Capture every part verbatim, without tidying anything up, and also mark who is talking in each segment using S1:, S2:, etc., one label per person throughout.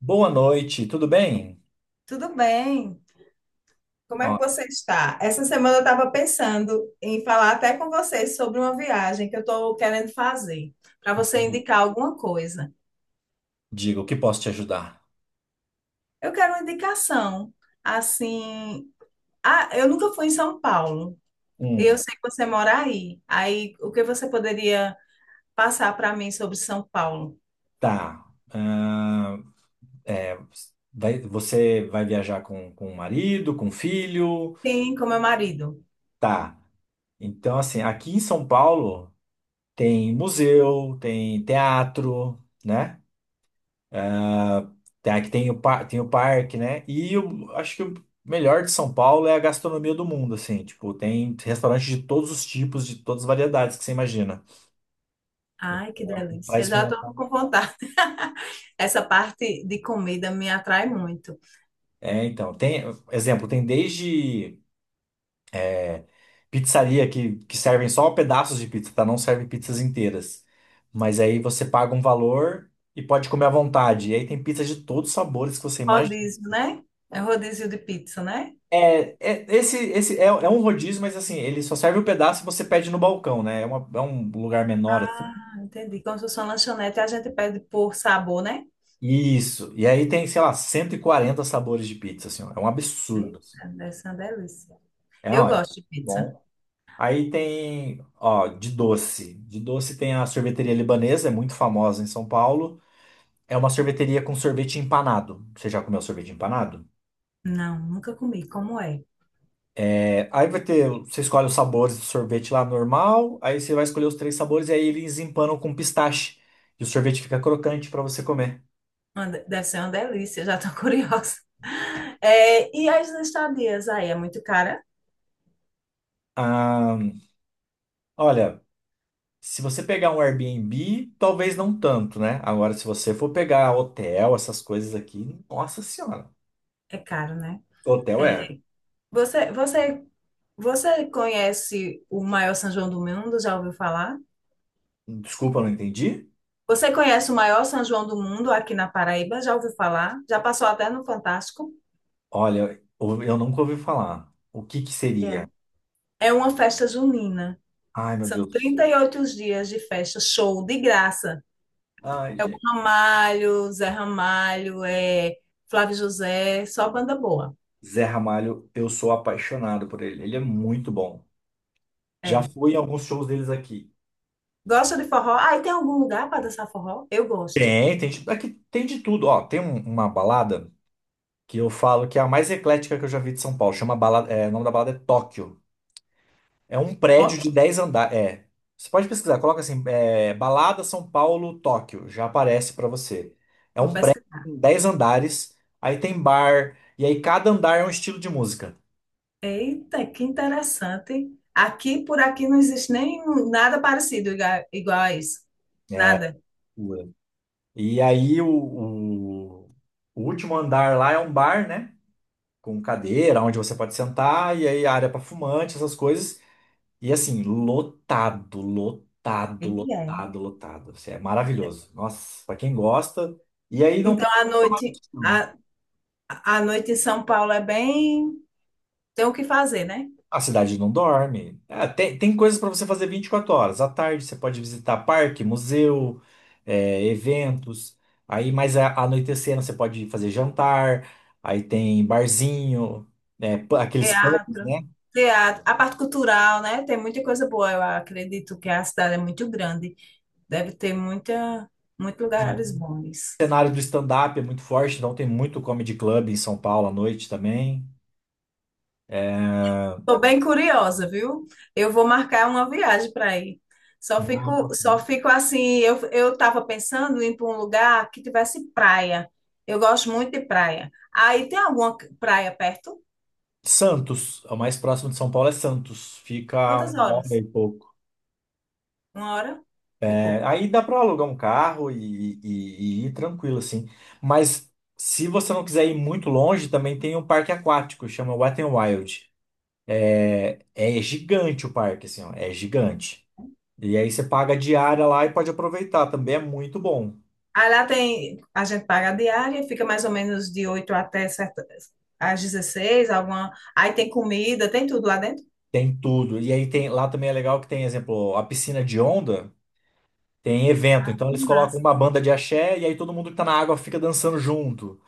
S1: Boa noite, tudo bem?
S2: Tudo bem. Como é que
S1: Ó,
S2: você está? Essa semana eu estava pensando em falar até com você sobre uma viagem que eu estou querendo fazer, para você indicar alguma coisa.
S1: digo, o que posso te ajudar?
S2: Eu quero uma indicação. Assim, ah, eu nunca fui em São Paulo.
S1: Hum,
S2: Eu sei que você mora aí. Aí, o que você poderia passar para mim sobre São Paulo?
S1: tá. Ah, é, vai- você vai viajar com, com o marido, com o filho?
S2: Sim, com meu marido.
S1: Tá. Então, assim, aqui em São Paulo tem museu, tem teatro, né? Tem, aqui tem o, par- tem o parque, né? E eu acho que o melhor de São Paulo é a gastronomia do mundo, assim. Tipo, tem restaurantes de todos os tipos, de todas as variedades que você imagina.
S2: Ai, que
S1: Então, para
S2: delícia. Eu já estou
S1: experimentar.
S2: com vontade. Essa parte de comida me atrai muito.
S1: É, então, tem, exemplo, tem desde é, pizzaria que, que servem só pedaços de pizza, tá? Não servem pizzas inteiras. Mas aí você paga um valor e pode comer à vontade. E aí tem pizza de todos os sabores que você imagina.
S2: Rodízio, né? É um rodízio de pizza, né?
S1: É, é- esse, esse é, é um rodízio, mas assim, ele só serve o pedaço e você pede no balcão, né? É, uma- é um lugar menor, assim.
S2: Ah, entendi. Como se fosse uma lanchonete, a gente pede por sabor, né?
S1: Isso. E aí tem, sei lá, cento e quarenta sabores de pizza, assim, ó. É um absurdo, assim.
S2: Eita, deve ser uma delícia.
S1: É,
S2: Eu
S1: ó, é
S2: gosto de pizza.
S1: bom. Aí tem, ó, de doce. De doce tem a sorveteria libanesa, é muito famosa em São Paulo. É uma sorveteria com sorvete empanado. Você já comeu sorvete empanado?
S2: Não, nunca comi. Como é?
S1: É, aí vai ter, você escolhe os sabores do sorvete lá normal, aí você vai escolher os três sabores e aí eles empanam com pistache. E o sorvete fica crocante para você comer.
S2: Uma de- Deve ser uma delícia, já tô curiosa. É, e as estadias aí, é muito cara?
S1: Ah, olha, se você pegar um Airbnb, talvez não tanto, né? Agora, se você for pegar hotel, essas coisas aqui, nossa senhora.
S2: É caro, né?
S1: Hotel é.
S2: Você, você você conhece o maior São João do mundo? Já ouviu falar?
S1: Desculpa, não entendi.
S2: Você conhece o maior São João do mundo aqui na Paraíba? Já ouviu falar? Já passou até no Fantástico?
S1: Olha, eu eu nunca ouvi falar. O que que
S2: É.
S1: seria?
S2: É uma festa junina.
S1: Ai, meu
S2: São
S1: Deus.
S2: trinta e oito dias de festa, show de graça.
S1: Ai, gente.
S2: Ramalho, Zé Ramalho, é, Flávio José, só banda boa.
S1: Zé Ramalho, eu sou apaixonado por ele. Ele é muito bom. Já
S2: É.
S1: fui em alguns shows deles aqui.
S2: Gosta de forró? Ah, e tem algum lugar para dançar forró? Eu gosto.
S1: Tem, tem, de- aqui tem de tudo. Ó, tem um- uma balada que eu falo que é a mais eclética que eu já vi de São Paulo. Chama balada, é, o nome da balada é Tóquio. É um prédio
S2: Ok,
S1: de dez andares. É. Você pode pesquisar, coloca assim, é, Balada São Paulo, Tóquio, já aparece para você. É
S2: vou
S1: um prédio
S2: pesquisar.
S1: com dez andares, aí tem bar, e aí cada andar é um estilo de música.
S2: Eita, que interessante. Aqui, por aqui, não existe nem nada parecido iga- igual a isso. Nada.
S1: Ué. E aí o, o, o último andar lá é um bar, né? Com cadeira, onde você pode sentar, e aí área para fumante, essas coisas. E assim, lotado,
S2: E
S1: lotado,
S2: é.
S1: lotado, lotado. Assim, é maravilhoso. Nossa, para quem gosta. E aí não tem
S2: Então,
S1: como
S2: a
S1: reclamar.
S2: noite, a, a noite em São Paulo é bem... Tem o que fazer, né?
S1: A cidade não dorme. Ah, tem, tem coisas para você fazer vinte e quatro horas. À tarde você pode visitar parque, museu, é, eventos. Aí mais a- anoitecendo você pode fazer jantar. Aí tem barzinho, né, pu- aqueles pubs,
S2: Teatro,
S1: né?
S2: teatro, a parte cultural, né? Tem muita coisa boa. Eu acredito que a cidade é muito grande. Deve ter muita, muitos
S1: Sim.
S2: lugares bons.
S1: O cenário do stand-up é muito forte, então tem muito comedy club em São Paulo à noite também.
S2: Tô bem curiosa, viu? Eu vou marcar uma viagem para ir. Só
S1: Uhum.
S2: fico, só fico assim, eu, eu tava pensando em ir para um lugar que tivesse praia. Eu gosto muito de praia. Aí tem alguma praia perto?
S1: Santos, o mais próximo de São Paulo é Santos. Fica
S2: Quantas
S1: uma hora
S2: horas?
S1: e pouco.
S2: Uma hora e pouco.
S1: Aí dá para alugar um carro e, e- e ir tranquilo, assim. Mas se você não quiser ir muito longe, também tem um parque aquático, chama Wet n Wild. É é gigante o parque, assim, ó, é gigante. E aí você paga a diária lá e pode aproveitar, também é muito bom.
S2: Aí lá tem, a gente paga a diária, fica mais ou menos de oito até certa, às dezesseis. Alguma. Aí tem comida, tem tudo lá dentro.
S1: Tem tudo. E aí tem, lá também é legal que tem, exemplo, a piscina de onda, tem evento. Então eles colocam
S2: Massa.
S1: uma banda de axé e aí todo mundo que tá na água fica dançando junto.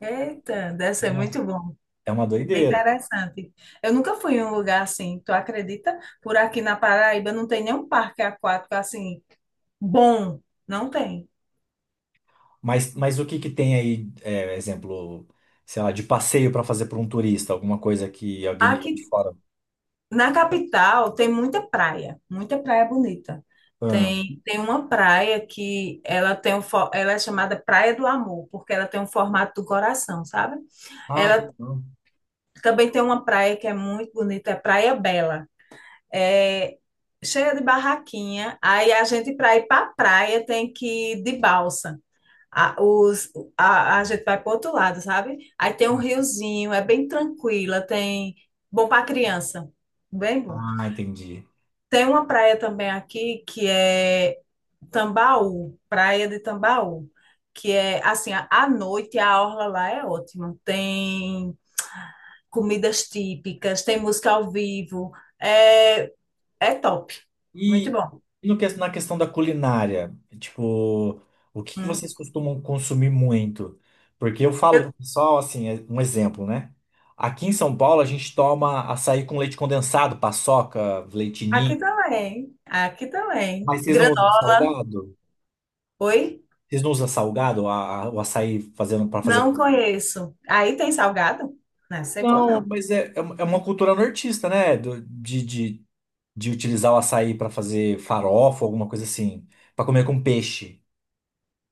S2: Eita, deve ser
S1: É
S2: muito bom.
S1: É uma
S2: Bem
S1: doideira.
S2: interessante. Eu nunca fui em um lugar assim, tu acredita? Por aqui na Paraíba não tem nenhum parque aquático assim bom, não tem.
S1: Mas, mas o que que tem aí, é, exemplo, sei lá, de passeio para fazer para um turista, alguma coisa que alguém que tá de
S2: Aqui
S1: fora.
S2: na capital tem muita praia, muita praia bonita.
S1: Ah,
S2: Tem, tem uma praia que ela tem um, fo- ela é chamada Praia do Amor, porque ela tem um formato do coração, sabe?
S1: ah, que
S2: Ela
S1: legal.
S2: também tem uma praia que é muito bonita, é Praia Bela. É cheia de barraquinha. Aí a gente para ir para a praia tem que ir de balsa. A, os, a, a gente vai para outro lado, sabe? Aí tem um riozinho, é bem tranquila, tem bom para criança, bem bom.
S1: Ah, entendi.
S2: Tem uma praia também aqui que é Tambaú, Praia de Tambaú, que é assim, a- à noite a orla lá é ótima. Tem comidas típicas, tem música ao vivo, é, é top, muito
S1: E
S2: bom.
S1: e no, que- na questão da culinária, tipo, o que que
S2: Hum.
S1: vocês costumam consumir muito? Porque eu falo pro
S2: Eu-
S1: pessoal, assim, é um exemplo, né? Aqui em São Paulo a gente toma açaí com leite condensado, paçoca, leite ninho.
S2: aqui também, aqui também.
S1: Mas vocês não
S2: Granó,
S1: usam salgado?
S2: oi?
S1: Vocês não usam salgado, a- a- o açaí fazendo para fazer.
S2: Não conheço. Aí tem salgado? Não é cebola,
S1: Não,
S2: não.
S1: mas é, é uma é uma cultura nortista, né? Do- de, de, de utilizar o açaí para fazer farofa, alguma coisa assim, para comer com peixe.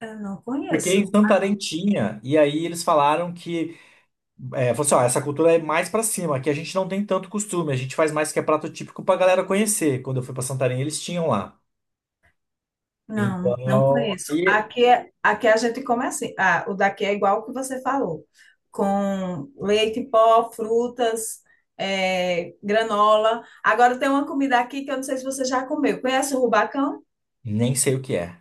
S2: Eu não
S1: Porque em
S2: conheço.
S1: Santarém tinha, e aí eles falaram que, é, falou assim, ó, essa cultura é mais para cima, aqui a gente não tem tanto costume, a gente faz mais que é prato típico pra galera conhecer. Quando eu fui para Santarém, eles tinham lá.
S2: Não, não
S1: Então,
S2: conheço.
S1: aí
S2: Aqui, é- aqui a gente come assim. Ah, o daqui é igual o que você falou. Com leite em pó, frutas, é, granola. Agora tem uma comida aqui que eu não sei se você já comeu. Conhece o rubacão?
S1: nem sei o que é.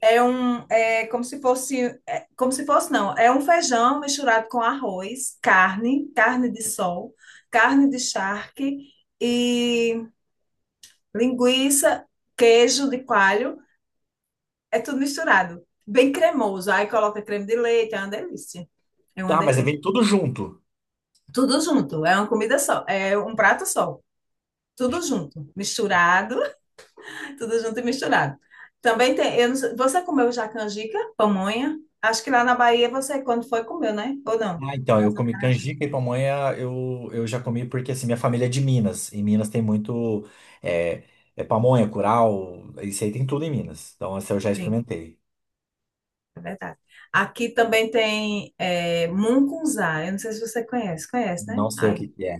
S2: É um, é como se fosse, é como se fosse, não, é um feijão misturado com arroz, carne, carne de sol, carne de charque e linguiça, queijo de coalho, é tudo misturado. Bem cremoso. Aí coloca creme de leite, é uma delícia. É uma
S1: Ah, mas
S2: delícia.
S1: vem tudo junto.
S2: Tudo junto, é uma comida só, é um prato só. Tudo junto, misturado, tudo junto e misturado. Também tem, eu não sei- você comeu já canjica, pamonha? Acho que lá na Bahia você, quando foi, comeu, né? Ou não?
S1: Ah, então, eu
S2: Mas
S1: comi canjica e pamonha, eu, eu já comi porque, assim, minha família é de Minas. Em Minas tem muito é, é pamonha, curau, isso aí tem tudo em Minas. Então, essa eu já
S2: sim,
S1: experimentei.
S2: é verdade. Aqui também tem é, mungunzá, eu não sei se você conhece, conhece, né?
S1: Não sei o
S2: Aí.
S1: que que é.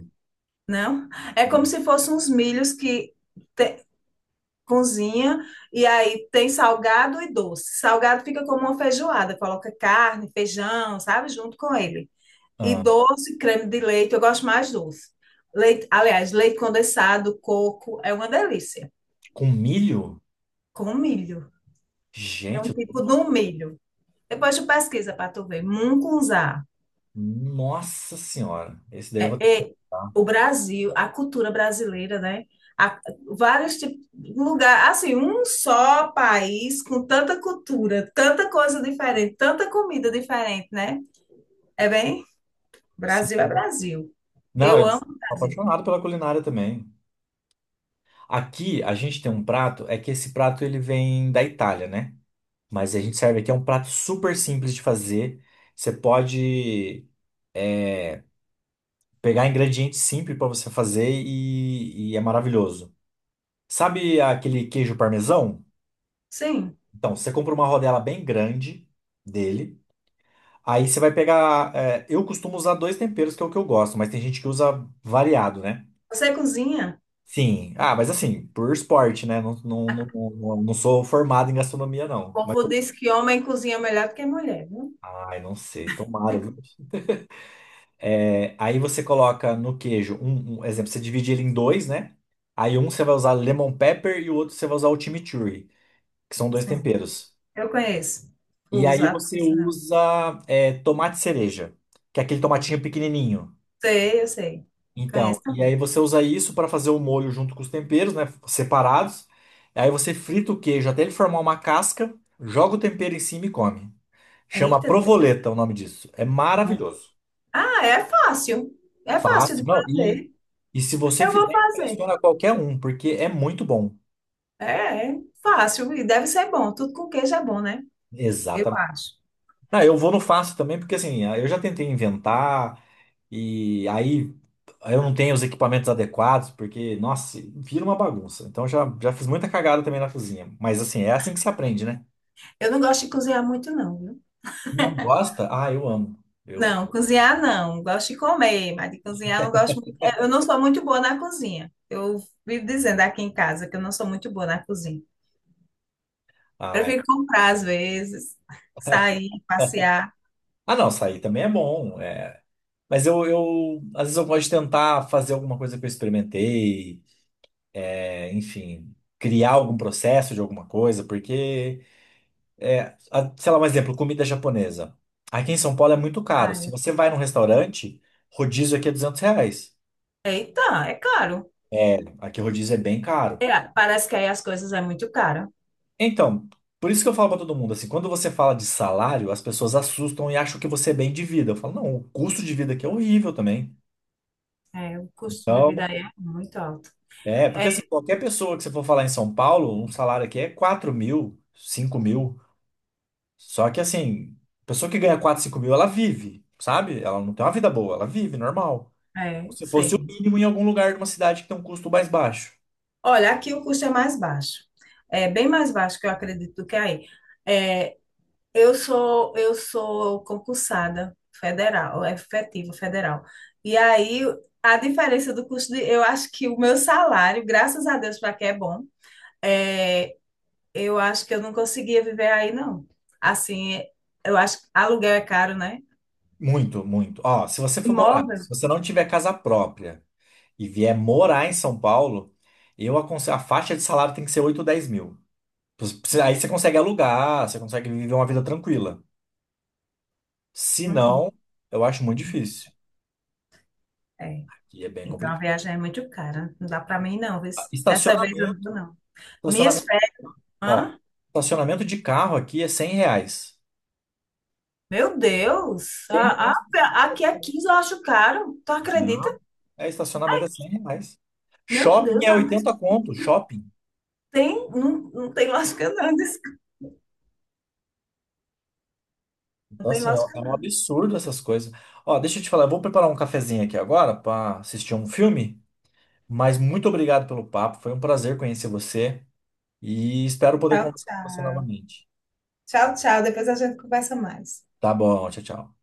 S2: Não? É como se fossem uns milhos que te- cozinha e aí tem salgado e doce. Salgado fica como uma feijoada, coloca carne, feijão, sabe, junto com ele. E
S1: Ah,
S2: doce, creme de leite, eu gosto mais doce. Leite, aliás, leite condensado, coco, é uma delícia.
S1: com milho?
S2: Com milho. É
S1: Gente,
S2: um
S1: eu tô...
S2: tipo de um milho. Depois tu pesquisa para tu ver. Mungunzá.
S1: Nossa Senhora. Esse daí eu vou ter que
S2: é,
S1: testar.
S2: o Brasil, a cultura brasileira, né? A- vários tipos, lugar, assim, um só país com tanta cultura, tanta coisa diferente, tanta comida diferente, né? É bem, Brasil é
S1: Sim.
S2: Brasil.
S1: Não,
S2: Eu
S1: eu
S2: amo
S1: sou
S2: o Brasil.
S1: apaixonado pela culinária também. Aqui, a gente tem um prato, é que esse prato ele vem da Itália, né? Mas a gente serve aqui, é um prato super simples de fazer. Você pode pegar ingredientes simples para você fazer e, e é maravilhoso. Sabe aquele queijo parmesão?
S2: Sim.
S1: Então, você compra uma rodela bem grande dele. Aí você vai pegar, é, eu costumo usar dois temperos, que é o que eu gosto, mas tem gente que usa variado, né?
S2: Você cozinha?
S1: Sim. Ah, mas assim, por esporte, né? Não, não, não, não, não sou formado em gastronomia,
S2: O
S1: não. Mas
S2: povo
S1: eu-
S2: diz que homem cozinha melhor do que mulher, viu?
S1: Ai, não sei. Tomara. É, aí você coloca no queijo, um, um exemplo, você divide ele em dois, né? Aí um você vai usar lemon pepper e o outro você vai usar o chimichurri, que são dois
S2: Sim.
S1: temperos.
S2: Eu conheço.
S1: E
S2: Uso
S1: aí
S2: a
S1: você
S2: profissional.
S1: usa é, tomate cereja, que é aquele tomatinho pequenininho.
S2: Sei, eu sei.
S1: Então,
S2: Conheço
S1: e aí
S2: também.
S1: você usa isso para fazer o molho junto com os temperos, né? Separados. Aí você frita o queijo até ele formar uma casca, joga o tempero em cima e come. Chama
S2: Eita, nossa.
S1: provoleta o nome disso. É maravilhoso.
S2: Ah, é fácil. É fácil
S1: Fácil,
S2: de
S1: não.
S2: fazer.
S1: E se você
S2: Eu vou
S1: fizer,
S2: fazer.
S1: impressiona qualquer um, porque é muito bom.
S2: É, é fácil e deve ser bom. Tudo com queijo é bom, né? Eu
S1: Exatamente.
S2: acho.
S1: Ah, eu vou no fácil também, porque assim, ah, eu já tentei inventar, e aí eu não tenho os equipamentos adequados, porque, nossa, vira uma bagunça. Então já, já fiz muita cagada também na cozinha. Mas assim, é assim que se aprende, né?
S2: Eu não gosto de cozinhar muito, não, viu?
S1: Não gosta? Ah, eu amo. Eu, é.
S2: Não, cozinhar não. Gosto de comer, mas de cozinhar eu não gosto muito. É, eu não sou muito boa na cozinha. Eu vivo dizendo aqui em casa que eu não sou muito boa na cozinha.
S1: Ai.
S2: Prefiro comprar às vezes, sair, passear.
S1: Ah, não, sair também é bom. É. Mas eu, eu, às vezes eu gosto de tentar fazer alguma coisa que eu experimentei, é, enfim, criar algum processo de alguma coisa, porque. É, a- sei lá, um exemplo, comida japonesa. Aqui em São Paulo é muito caro. Se
S2: Ai,
S1: você vai num restaurante, rodízio aqui é duzentos reais.
S2: é, então, é caro.
S1: Aqui o rodízio é bem caro.
S2: É, parece que aí as coisas é muito caro.
S1: Então, por isso que eu falo pra todo mundo, assim, quando você fala de salário, as pessoas assustam e acham que você é bem de vida. Eu falo, não, o custo de vida aqui é horrível também.
S2: É, o custo de vida
S1: Então,
S2: aí é muito alto.
S1: é,
S2: É,
S1: porque assim, qualquer pessoa que você for falar em São Paulo, um salário aqui é quatro mil, cinco mil. Só que assim, pessoa que ganha quatro cinco mil, ela vive, sabe? Ela não tem uma vida boa, ela vive normal.
S2: é,
S1: Se fosse o
S2: sei.
S1: mínimo em algum lugar de uma cidade que tem um custo mais baixo.
S2: Olha, aqui o custo é mais baixo. É bem mais baixo que eu acredito do que é aí. É, eu sou eu sou concursada federal, é efetiva federal. E aí a diferença do custo de, eu acho que o meu salário, graças a Deus para que é bom, é, eu acho que eu não conseguia viver aí não. Assim, eu acho que aluguel é caro, né?
S1: Muito, muito. Ó, se você for morar,
S2: Imóvel?
S1: se você não tiver casa própria e vier morar em São Paulo, eu aconselho, a faixa de salário tem que ser oito ou dez mil. Aí você consegue alugar, você consegue viver uma vida tranquila. Se
S2: Uhum,
S1: não, eu acho muito difícil.
S2: é.
S1: E é bem
S2: Então a
S1: complicado.
S2: viagem é muito cara. Não dá para mim não. Viu?
S1: Ah,
S2: Dessa vez eu não
S1: Estacionamento,
S2: vou não. Minhas
S1: estacionamento,
S2: férias.
S1: ó,
S2: Hã?
S1: estacionamento de carro aqui é cem reais.
S2: Meu Deus,
S1: 100
S2: a,
S1: reais.
S2: a, aqui é quinze eu acho caro. Tu acredita?
S1: É, estacionamento é cem reais.
S2: Meu
S1: Shopping
S2: Deus,
S1: é
S2: mas
S1: oitenta conto, shopping.
S2: tem, não, não tem lógica não, desculpa. Não
S1: Então,
S2: tem
S1: assim, ó,
S2: lógica
S1: é um
S2: não.
S1: absurdo essas coisas. Ó, deixa eu te falar, eu vou preparar um cafezinho aqui agora para assistir um filme, mas muito obrigado pelo papo, foi um prazer conhecer você e espero poder
S2: Tchau,
S1: conversar com você
S2: tchau.
S1: novamente.
S2: Tchau, tchau. Depois a gente conversa mais.
S1: Tá bom, tchau, tchau.